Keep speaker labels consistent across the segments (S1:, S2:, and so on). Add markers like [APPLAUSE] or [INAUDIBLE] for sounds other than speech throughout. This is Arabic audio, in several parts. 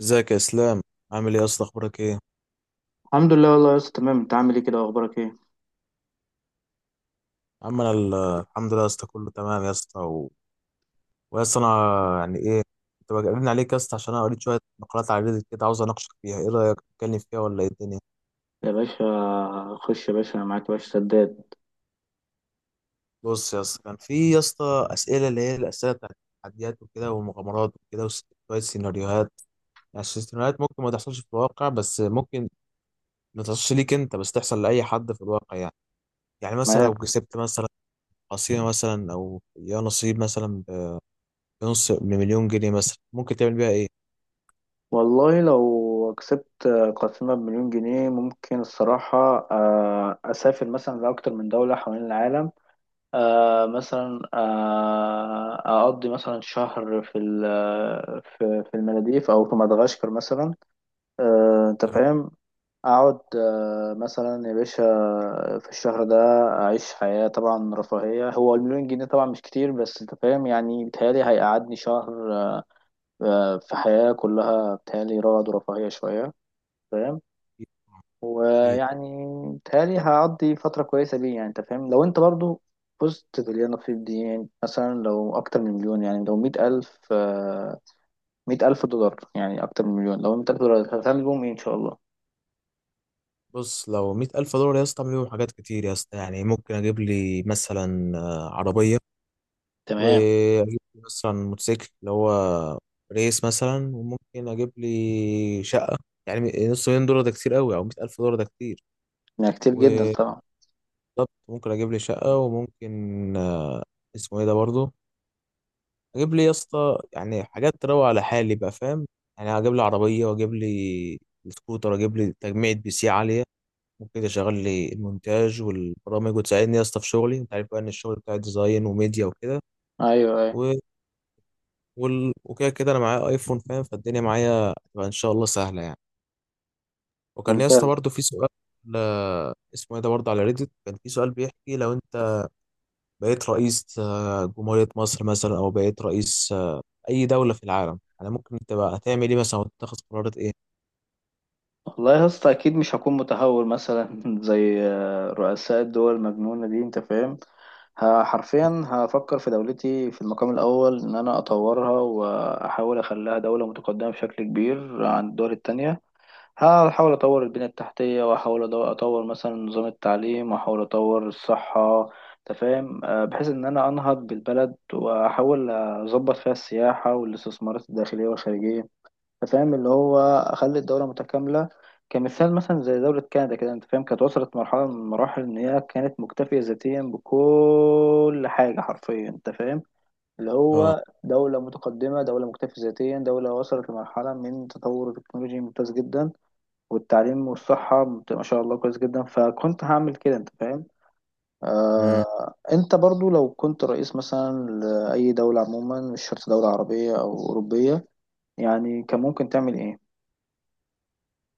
S1: ازيك يا اسلام؟ عامل ايه يا اسطى؟ اخبارك ايه يا
S2: الحمد لله والله يا اسطى، تمام. انت عامل ايه كده واخبارك ايه؟
S1: عم؟ انا الحمد لله يا اسطى، كله تمام يا اسطى ويا اسطى انا يعني ايه كنت بجنن عليك يا اسطى، عشان انا قريت شويه مقالات على ريديت كده، عاوز اناقشك فيها. ايه رايك تتكلم فيها ولا ايه الدنيا؟
S2: يا باشا، خش يا باشا، انا معاك يا باشا. سداد.
S1: بص يا اسطى، كان في يا اسطى اسئله، اللي هي الاسئله بتاعت التحديات وكده والمغامرات وكده شويه سيناريوهات. يعني السيناريوهات ممكن ما تحصلش في الواقع، بس ممكن ما تحصلش ليك انت، بس تحصل لاي حد في الواقع يعني. يعني مثلا لو
S2: معاك.
S1: كسبت مثلا قصيمه مثلا او يا نصيب مثلا نص مليون جنيه مثلا، ممكن تعمل بيها ايه؟
S2: والله لو كسبت قسيمة بمليون جنيه، ممكن الصراحة أسافر مثلا لأكتر من دولة حوالين العالم. مثلا أقضي مثلا شهر في المالديف أو في مدغشقر مثلا. أنت
S1: لو
S2: فاهم. اقعد مثلا يا باشا، في الشهر ده. اعيش حياة طبعا رفاهية. هو المليون جنيه طبعا مش كتير، بس انت فاهم، يعني بيتهيألي هيقعدني شهر في حياة كلها بيتهيألي رغد ورفاهية شوية. فاهم.
S1: كتير.
S2: ويعني بيتهيألي هقضي فترة كويسة بيه، يعني انت فاهم. لو انت برضو فزت باللي انا فيه دي، يعني مثلا لو اكتر من مليون، يعني لو 100 ألف $100,000، يعني اكتر من مليون. لو $100,000 هتعمل بيهم ايه ان شاء الله؟
S1: بص لو مية ألف دولار يا اسطى أعمل بيهم حاجات كتير يا اسطى. يعني ممكن أجيب لي مثلا عربية،
S2: تمام.
S1: وأجيب لي مثلا موتوسيكل اللي هو ريس مثلا، وممكن أجيب لي شقة. يعني نص مليون دولار ده كتير قوي، أو مية ألف دولار ده كتير،
S2: يعني كتير جدا
S1: وبالظبط
S2: طبعا.
S1: ممكن أجيب لي شقة. وممكن اسمه ايه ده برضه، اجيب لي يا اسطى يعني حاجات تروق على حالي بقى، فاهم؟ يعني اجيب لي عربيه، واجيب لي سكوتر، اجيب لي تجميعة بي سي عاليه ممكن اشغل لي المونتاج والبرامج، وتساعدني يا اسطى في شغلي. انت عارف بقى ان الشغل بتاع ديزاين وميديا وكده
S2: ايوه ايوه.
S1: و... وكده كده، انا معايا ايفون فاهم، فالدنيا معايا تبقى ان شاء الله سهله يعني. وكان يا اسطى
S2: ممتاز
S1: برضه في سؤال، اسمه ايه ده برضه، على ريديت كان في سؤال بيحكي لو انت بقيت رئيس جمهورية مصر مثلا، او بقيت رئيس اي دوله في العالم انا، ممكن تبقى هتعمل ايه مثلا، وتاخد قرارات ايه؟
S2: والله. يا اسطى، اكيد مش هكون متهور مثلا [LAUGHS] زي رؤساء الدول المجنونه دي. انت فاهم. حرفيا هفكر في دولتي في المقام الاول، ان انا اطورها واحاول اخليها دوله متقدمه بشكل كبير عن الدول التانية. هحاول اطور البنيه التحتيه، واحاول اطور مثلا نظام التعليم، واحاول اطور الصحه. انت فاهم. بحيث ان انا انهض بالبلد واحاول اظبط فيها السياحه والاستثمارات الداخليه والخارجيه. انت فاهم. اللي هو اخلي الدوله متكامله. كمثال مثلا زي دوله كندا كده، انت فاهم، كانت وصلت مرحله من المراحل ان هي كانت مكتفيه ذاتيا بكل حاجه حرفيا. انت فاهم. اللي
S1: اه،
S2: هو دوله متقدمه، دوله مكتفيه ذاتيا، دوله وصلت لمرحله من تطور التكنولوجي ممتاز جدا. والتعليم والصحه ما شاء الله كويس جدا. فكنت هعمل كده. انت فاهم.
S1: امم
S2: انت برضو لو كنت رئيس مثلا لأي دولة عموما، مش شرط دولة عربية أو أوروبية، يعني كان ممكن تعمل ايه؟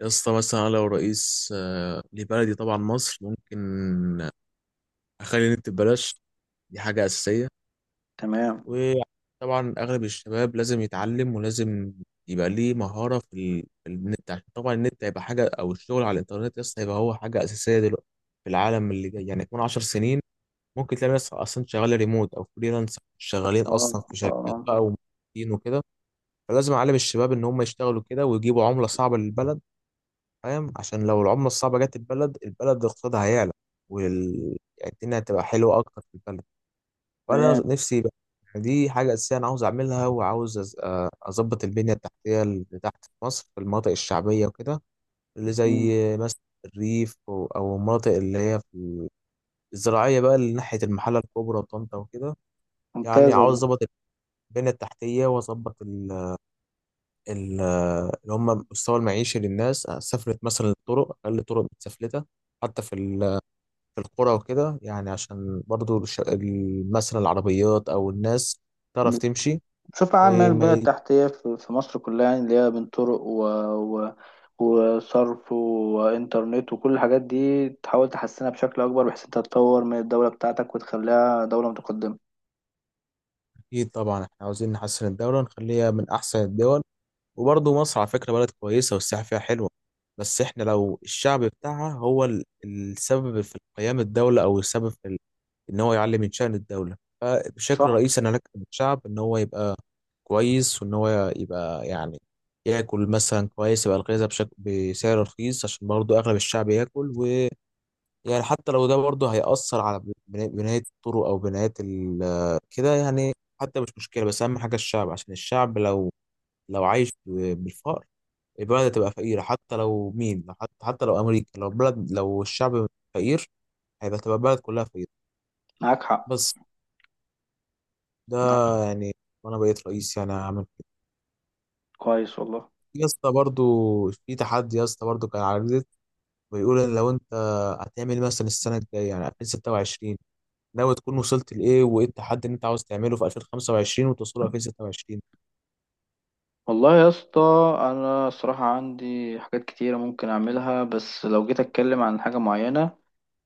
S1: يا اسطى مثلا أنا لو رئيس لبلدي طبعا مصر، ممكن اخلي النت ببلاش. دي حاجه اساسيه.
S2: تمام.
S1: وطبعا اغلب الشباب لازم يتعلم، ولازم يبقى ليه مهاره في، في النت. عشان طبعا النت هيبقى حاجه، او الشغل على الانترنت يا اسطى هيبقى هو حاجه اساسيه دلوقتي في العالم اللي جاي. يعني كمان 10 سنين ممكن تلاقي ناس اصلا شغاله ريموت او فريلانس، شغالين
S2: اه.
S1: اصلا في شركات
S2: اه.
S1: بقى، وموظفين وكده. فلازم اعلم الشباب ان هم يشتغلوا كده ويجيبوا عمله صعبه للبلد، فاهم؟ عشان لو العمله الصعبه جت البلد اقتصادها هيعلى. وال يعني الدنيا هتبقى حلوه اكتر في البلد. وانا
S2: تمام.
S1: نفسي بقى يعني دي حاجه اساسيه انا عاوز اعملها. وعاوز اظبط البنيه التحتيه اللي تحت في مصر، في المناطق الشعبيه وكده، اللي زي
S2: مم.
S1: مثلا الريف او المناطق اللي هي في الزراعيه بقى، اللي ناحيه المحله الكبرى وطنطا وكده. يعني
S2: ممتاز
S1: عاوز
S2: والله.
S1: اظبط البنيه التحتيه، واظبط ال- اللي هم مستوى المعيشي للناس. سافلت مثلا الطرق، أقل الطرق متسفلتة حتى في القرى وكده، يعني عشان برضو مثلا العربيات أو الناس تعرف تمشي
S2: بشوف عام يعني
S1: وما
S2: البنية
S1: ي-
S2: التحتية في مصر كلها، يعني اللي هي بين طرق و... وصرف وإنترنت وكل الحاجات دي، تحاول تحسنها بشكل أكبر بحيث أنت تطور من الدولة بتاعتك وتخليها دولة متقدمة.
S1: أكيد طبعا إحنا عاوزين نحسن الدولة، نخليها من أحسن الدول. وبرضو مصر على فكرة بلد كويسة، والسياحة فيها حلوة. بس إحنا لو الشعب بتاعها هو السبب في قيام الدولة، أو السبب في ان هو يعلي من شأن الدولة. فبشكل
S2: صح.
S1: رئيسي انا لك الشعب ان هو يبقى كويس، وان هو يبقى يعني ياكل مثلا كويس، يبقى الغذاء بشكل بسعر رخيص. عشان برضو اغلب الشعب ياكل ويعني حتى لو ده برضو هيأثر على بناية الطرق، او كده يعني، حتى مش مشكلة. بس اهم حاجة الشعب، عشان الشعب لو عايش بالفقر، البلد هتبقى فقيرة. حتى لو مين، حتى لو امريكا، لو بلد، لو الشعب فقير، هيبقى تبقى البلد كلها فقيرة.
S2: معاك حق.
S1: بس ده
S2: معاك حق.
S1: يعني، وانا بقيت رئيس يعني هعمل كده.
S2: كويس والله.
S1: في يا اسطى برضو في تحدي يا اسطى، برضو كان على ريدت، بيقول ان لو انت هتعمل إيه مثلا السنه الجايه يعني 2026، ناوي تكون وصلت لايه؟ وايه التحدي اللي انت عاوز تعمله في 2025 وتوصله 2026؟
S2: والله يا اسطى، أنا الصراحة عندي حاجات كتيرة ممكن أعملها، بس لو جيت أتكلم عن حاجة معينة،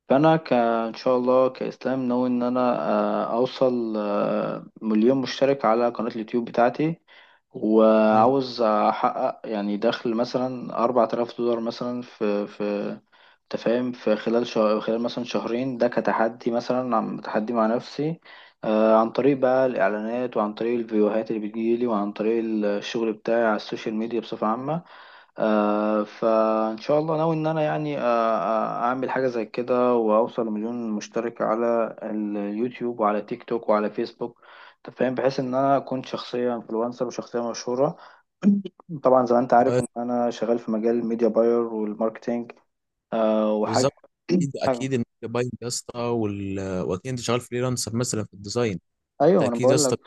S2: فانا ان شاء الله كاسلام ناوي ان انا اوصل مليون مشترك على قناة اليوتيوب بتاعتي.
S1: مم.
S2: وعاوز احقق يعني دخل مثلا $4000 مثلا في تفاهم، في خلال شهر، خلال مثلا شهرين. ده كتحدي مثلا، عم تحدي مع نفسي. عن طريق بقى الإعلانات، وعن طريق الفيديوهات اللي بتجيلي، وعن طريق الشغل بتاعي على السوشيال ميديا بصفة عامة. فإن شاء الله ناوي إن أنا يعني أعمل حاجة زي كده وأوصل لمليون مشترك على اليوتيوب وعلى تيك توك وعلى فيسبوك. أنت فاهم، بحيث إن أنا أكون شخصية إنفلونسر وشخصية مشهورة. [CLEARS THROAT] طبعا زي ما أنت عارف
S1: آه،
S2: إن أنا شغال في مجال الميديا باير والماركتينج. وحاجة.
S1: بالظبط،
S2: [CLEARS THROAT]
S1: اكيد
S2: حاجة.
S1: اكيد ان انت باين يا اسطى واكيد انت شغال فريلانسر مثلا في الديزاين. فانت
S2: أيوه، أنا
S1: اكيد يا
S2: بقول
S1: اسطى
S2: لك،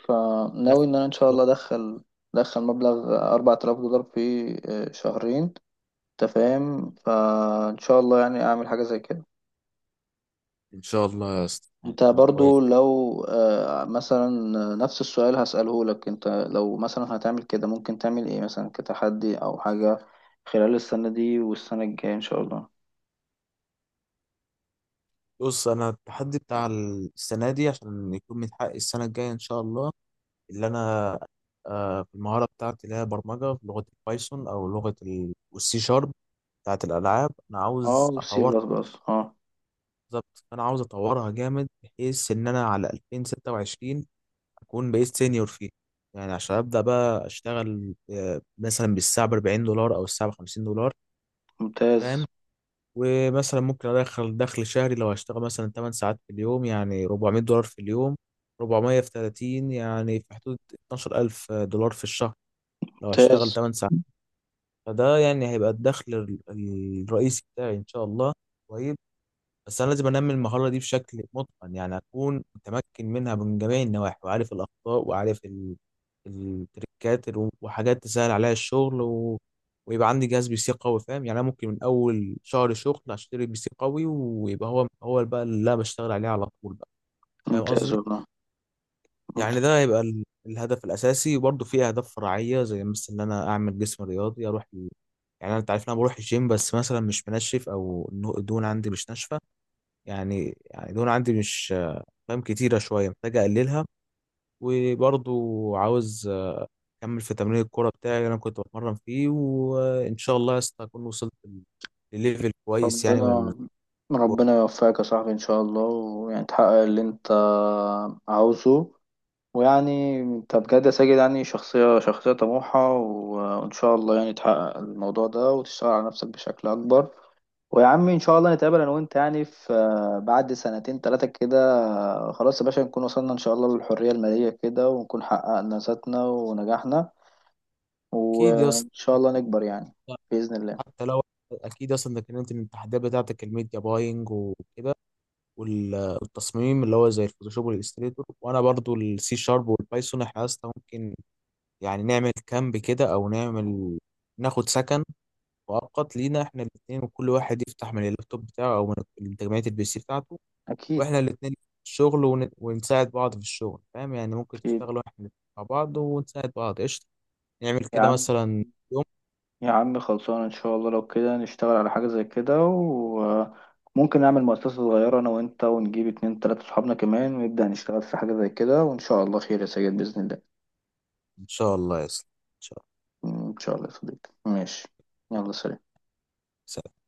S1: بتدخل
S2: فناوي إن أنا إن شاء
S1: ده،
S2: الله أدخل مبلغ $4000 في شهرين. أنت فاهم، فإن شاء الله يعني أعمل حاجة زي كده.
S1: ان شاء الله يا اسطى يعني
S2: انت
S1: تبقى كويس.
S2: برضو لو مثلا نفس السؤال هسأله لك انت، لو مثلا هتعمل كده ممكن تعمل ايه مثلا كتحدي او حاجة خلال السنة دي والسنة الجاية ان شاء الله؟
S1: بص انا التحدي بتاع السنه دي عشان يكون متحقق السنه الجايه ان شاء الله، اللي انا في المهاره بتاعتي اللي هي برمجه في لغه البايثون، او لغه السي شارب بتاعت الالعاب، انا
S2: اه.
S1: عاوز
S2: سي
S1: اطورها.
S2: بلس بلس اه.
S1: بالظبط انا عاوز اطورها جامد، بحيث ان انا على 2026 اكون بقيت سينيور فيها. يعني عشان ابدا بقى اشتغل مثلا بالساعه ب $40، او الساعه ب $50،
S2: ممتاز.
S1: فاهم؟ ومثلا ممكن ادخل دخل شهري. لو هشتغل مثلا 8 ساعات في اليوم يعني $400 في اليوم، 400 في 30 يعني في حدود $12,000 في الشهر، لو هشتغل
S2: ممتاز.
S1: 8 ساعات. فده يعني هيبقى الدخل الرئيسي بتاعي ان شاء الله. طيب، بس انا لازم انمي المهاره دي بشكل متقن، يعني اكون متمكن منها من جميع النواحي، وعارف الاخطاء، وعارف التريكات وحاجات تسهل عليا الشغل ويبقى عندي جهاز بي سي قوي، فاهم؟ يعني انا ممكن من اول شهر شغل اشتري بي سي قوي، ويبقى هو هو بقى اللي انا بشتغل عليه على طول بقى، فاهم
S2: ممتاز
S1: قصدي؟
S2: والله.
S1: يعني
S2: ممتاز.
S1: ده هيبقى الهدف الأساسي. وبرضه في أهداف فرعية، زي مثلا إن أنا أعمل جسم رياضي، أروح يعني أنت عارف إن أنا بروح الجيم، بس مثلا مش منشف، أو الدهون عندي مش ناشفة. يعني يعني الدهون عندي مش، فاهم، كتيرة شوية، محتاج أقللها. وبرضه عاوز أكمل في تمرين الكورة بتاعي اللي أنا كنت بتمرن فيه، وإن شاء الله يا اسطى أكون وصلت لليفل كويس يعني من.
S2: ربنا. ربنا يوفقك يا صاحبي ان شاء الله، ويعني تحقق اللي انت عاوزه. ويعني انت بجد يا ساجد، يعني شخصية شخصية طموحة وان شاء الله يعني تحقق الموضوع ده وتشتغل على نفسك بشكل اكبر. ويا عم ان شاء الله نتقابل انا وانت يعني في بعد سنتين ثلاثة كده. خلاص يا باشا، نكون وصلنا ان شاء الله للحرية المالية كده، ونكون حققنا ذاتنا ونجحنا،
S1: أكيد يا اسطى،
S2: وان شاء الله نكبر يعني، بإذن الله.
S1: حتى لو، أكيد أصلا إنك إنت من التحديات بتاعتك الميديا باينج وكده وال- والتصميم اللي هو زي الفوتوشوب والاستريتور، وانا برضو السي شارب والبايثون، احنا يا اسطى ممكن يعني نعمل كامب كده، او نعمل ناخد سكن مؤقت لينا احنا الاثنين، وكل واحد يفتح من اللابتوب بتاعه، او من تجميعة البي سي بتاعته.
S2: اكيد.
S1: واحنا الاثنين الشغل ونساعد بعض في الشغل، فاهم؟ يعني ممكن
S2: اكيد.
S1: تشتغلوا احنا الاتنين مع بعض ونساعد بعض، قشطة. نعمل
S2: يا
S1: كده
S2: عم.
S1: مثلا يوم.
S2: يا عم خلصان. ان شاء الله لو كده نشتغل على حاجة زي كده، وممكن نعمل مؤسسة صغيرة انا وانت، ونجيب اتنين تلاتة صحابنا كمان، ونبدأ نشتغل في حاجة زي كده، وان شاء الله خير يا سيد بإذن الله.
S1: ان شاء الله يا اسطى، ان شاء
S2: ان شاء الله يا صديقي. ماشي. يلا سلام.
S1: الله.